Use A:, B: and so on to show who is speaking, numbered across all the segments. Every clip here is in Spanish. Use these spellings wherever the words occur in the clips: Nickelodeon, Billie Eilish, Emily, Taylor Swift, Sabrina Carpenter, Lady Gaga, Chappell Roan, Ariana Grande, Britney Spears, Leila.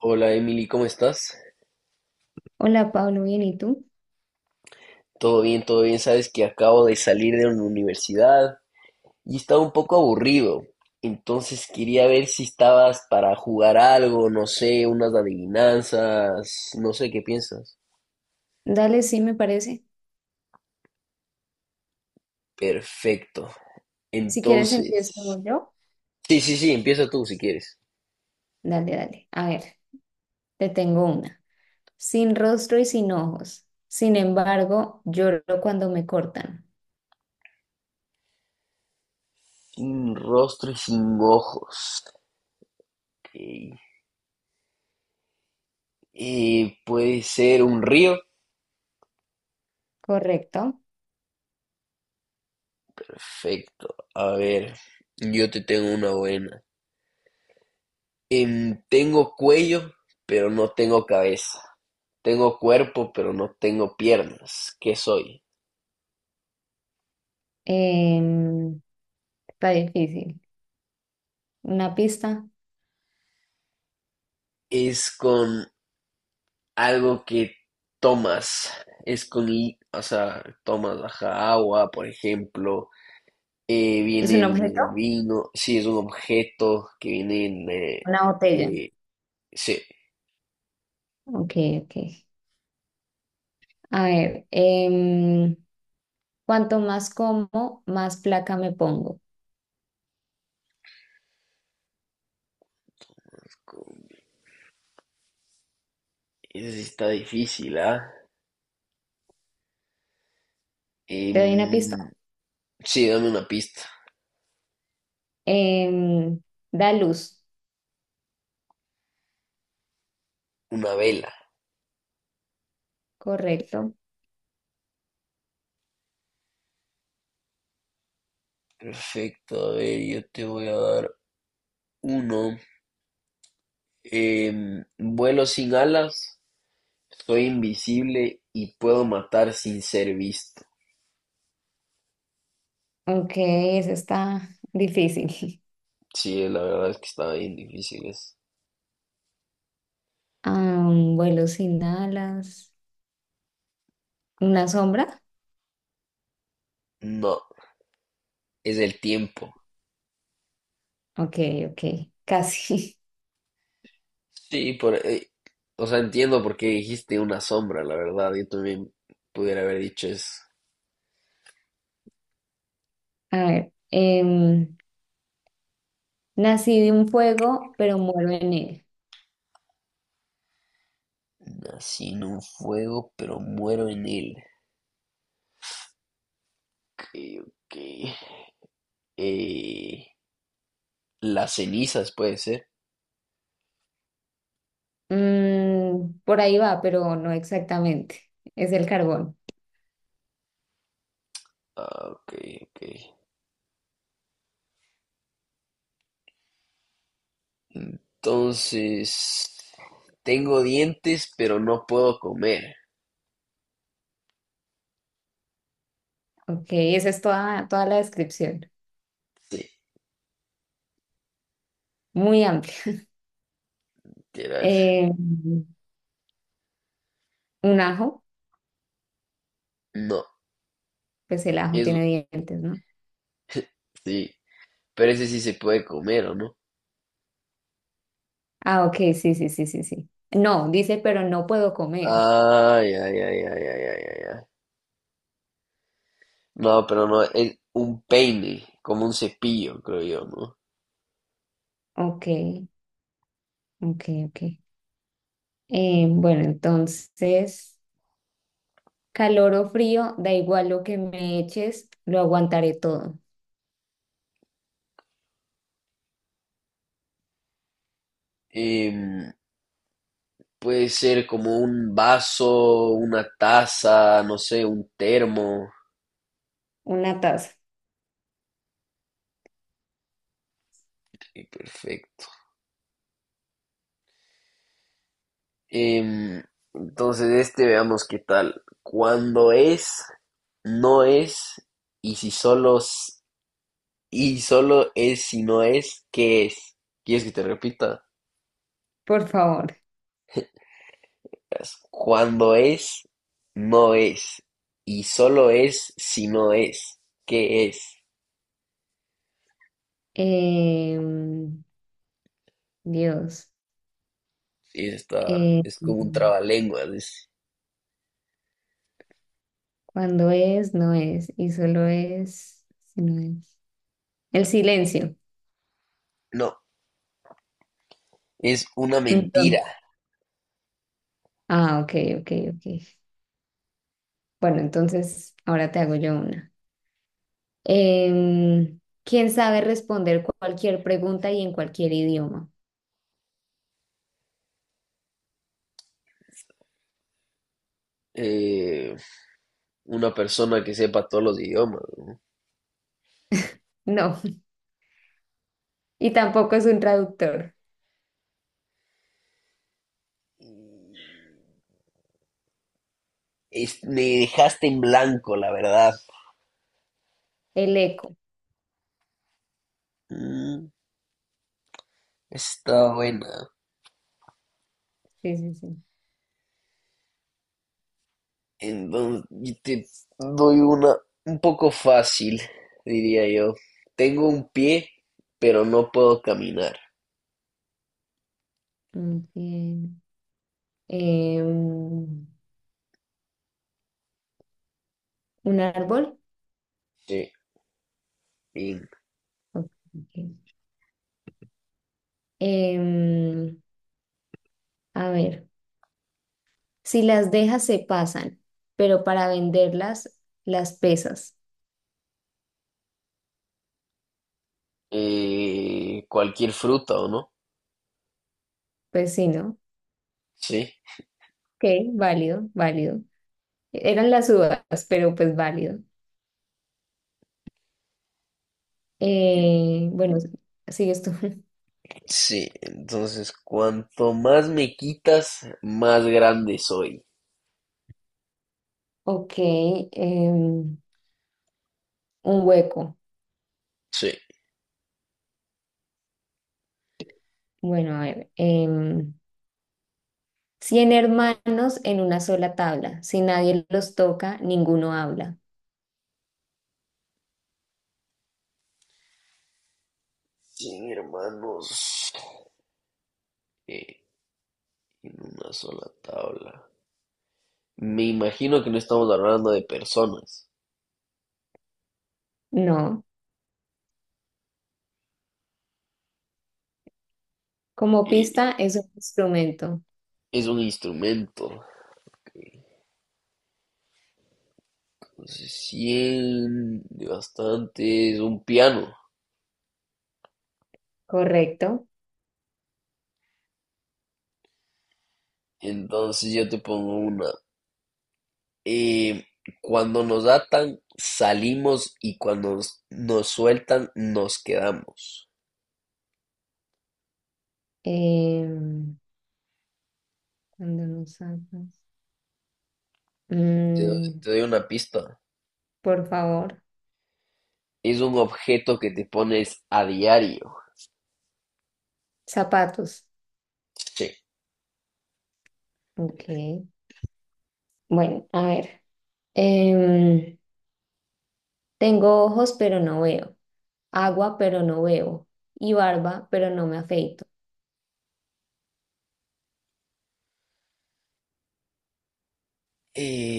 A: Hola Emily, ¿cómo estás?
B: Hola Pablo, bien, ¿y tú?
A: Todo bien, todo bien. Sabes que acabo de salir de una universidad y estaba un poco aburrido. Entonces quería ver si estabas para jugar algo, no sé, unas adivinanzas, no sé qué piensas.
B: Dale, sí me parece.
A: Perfecto.
B: Si quieres
A: Entonces,
B: empiezo yo.
A: sí, sí, sí, empieza tú si quieres.
B: Dale, dale. A ver, te tengo una. Sin rostro y sin ojos. Sin embargo, lloro cuando me cortan.
A: Sin rostro y sin ojos. Ok. Puede ser un río.
B: Correcto.
A: Perfecto. A ver, yo te tengo una buena. Tengo cuello, pero no tengo cabeza. Tengo cuerpo, pero no tengo piernas. ¿Qué soy?
B: Em, Está difícil. ¿Una pista?
A: Es con algo que tomas. Es con, o sea, tomas ajá, agua, por ejemplo.
B: ¿Es
A: Viene
B: un
A: en
B: objeto?
A: el vino. Sí, es un objeto que viene en...
B: Una botella.
A: que... Sí,
B: Ok, ok. A ver, cuanto más como, más placa me pongo.
A: con- ese sí está difícil, ¿ah?
B: ¿Te
A: Em,
B: doy una pista?
A: sí, dame una pista.
B: Em, Da luz.
A: Una vela.
B: Correcto.
A: Perfecto, a ver, yo te voy a dar uno vuelo sin alas, soy invisible y puedo matar sin ser visto.
B: Ok, eso está difícil.
A: Sí, la verdad es que está bien difícil eso.
B: Ah, un vuelo sin alas. ¿Una sombra?
A: No, es el tiempo.
B: Ok, ok, casi.
A: Sí, o sea, entiendo por qué dijiste una sombra, la verdad. Yo también pudiera haber dicho eso.
B: A ver, nací de un fuego, pero muero en él.
A: Nací en un fuego, pero muero en él. Ok, ok. Eh, las cenizas puede ser.
B: Mm, por ahí va, pero no exactamente. Es el carbón.
A: Ah, ok, ok. Entonces, tengo dientes, pero no puedo comer.
B: Ok, esa es toda la descripción.
A: Sí,
B: Muy amplia.
A: literal.
B: Eh, un ajo,
A: No,
B: pues el ajo
A: eso
B: tiene dientes, ¿no?
A: sí. Pero ese sí se puede comer, ¿o no?
B: Ah, ok, sí, sí, sí, sí, sí. No, dice, pero no puedo comer.
A: Ay, ay, ay, ay, ay, ay, ay, ay. No, pero no, es un peine, como un cepillo, creo yo, ¿no?
B: Ok. Ok, ok. Bueno, entonces, calor o frío, da igual lo que me eches, lo aguantaré todo.
A: Em, Puede ser como un vaso, una taza, no sé, un termo.
B: Una taza,
A: Sí, perfecto. Em, entonces, este veamos qué tal. Cuando es, no es, y si solo, y solo es si no es, ¿qué es? ¿Quieres que te repita?
B: por favor.
A: Es cuando es, no es, y solo es si no es, ¿qué es?
B: Em, Dios.
A: Y está,
B: Eh,
A: es como un trabalenguas.
B: cuando es, no es. Y solo es, si no es. El silencio.
A: No, es una
B: Entonces,
A: mentira.
B: ah, ok, ok, ok. Bueno, entonces, ahora te hago yo una. Em, ¿Quién sabe responder cualquier pregunta y en cualquier idioma?
A: Eh, una persona que sepa todos los idiomas.
B: No. Y tampoco es un traductor.
A: Me dejaste en blanco, la verdad.
B: El eco.
A: Mm, está buena.
B: Sí, sí, sí.
A: Entonces, yo te doy una un poco fácil, diría yo. Tengo un pie, pero no puedo caminar.
B: Muy bien. Em, un árbol.
A: Sí. Y,
B: Ok. Ok. Em, a ver. Si las dejas se pasan, pero para venderlas las pesas.
A: cualquier fruta, ¿o no?
B: Pues sí, ¿no?
A: Sí.
B: Ok, válido, válido. Eran las uvas, pero pues válido. Bueno, sigues tú.
A: Sí. Entonces, cuanto más me quitas, más grande soy.
B: Ok, em, un hueco.
A: Sí.
B: Bueno, a ver. Cien hermanos en una sola tabla. Si nadie los toca, ninguno habla.
A: Sin hermanos, eh, en una sola tabla. Me imagino que no estamos hablando de personas.
B: No. Como pista
A: Eh,
B: es un instrumento.
A: es un instrumento. Entonces, 100 de bastante es un piano.
B: Correcto.
A: Entonces yo te pongo una. Eh, Cuando nos atan, salimos y cuando nos sueltan, nos quedamos.
B: Em, cuando no sacas. Mm,
A: Te doy una pista.
B: por favor.
A: Es un objeto que te pones a diario.
B: Zapatos.
A: Sí.
B: Ok. Bueno, a ver. Em, tengo ojos, pero no veo. Agua, pero no bebo. Y barba, pero no me afeito.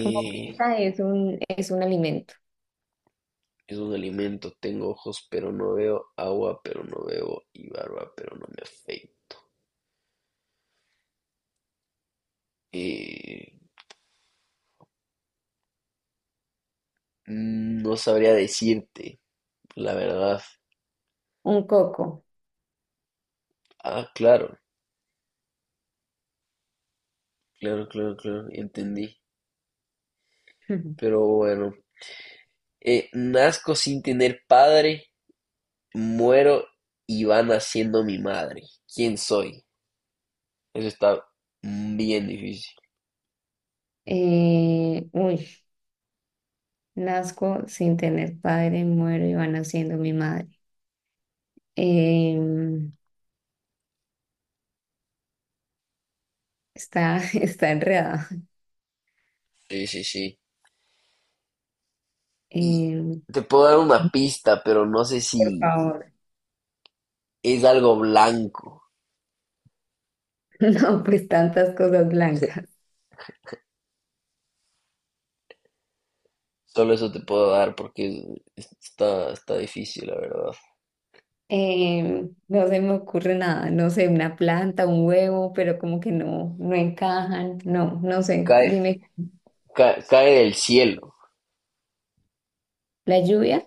B: Como pista es un alimento.
A: es un alimento. Tengo ojos, pero no veo. Agua, pero no bebo. Y barba, pero no me afeito. Eh, no sabría decirte, la verdad.
B: Un coco.
A: Ah, claro, claro, claro, claro, entendí. Pero bueno, nazco sin tener padre, muero y va naciendo mi madre. ¿Quién soy? Eso está bien difícil.
B: Uy. Nazco sin tener padre, muero y va naciendo mi madre. Em, está, está enredada.
A: Sí, sí, sí. Y
B: Em,
A: te puedo dar una pista, pero no sé
B: por
A: si
B: favor.
A: es algo blanco.
B: No, pues tantas cosas blancas.
A: Solo eso te puedo dar porque está, está difícil, la verdad.
B: No se me ocurre nada, no sé, una planta, un huevo, pero como que no, no encajan, no, no sé.
A: Cae,
B: Dime,
A: cae del cielo.
B: ¿la lluvia?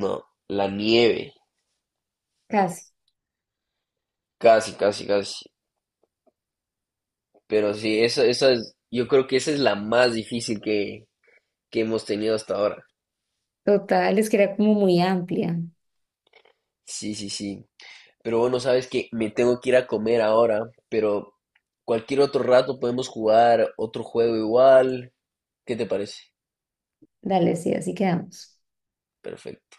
A: No, la nieve.
B: Casi.
A: Casi, casi, casi. Pero sí, esa es, yo creo que esa es la más difícil que hemos tenido hasta ahora.
B: Total, es que era como muy amplia.
A: Sí, sí, sí. Pero bueno, sabes que me tengo que ir a comer ahora, pero cualquier otro rato podemos jugar otro juego igual. ¿Qué te parece?
B: Dale, sí, así quedamos.
A: Perfecto.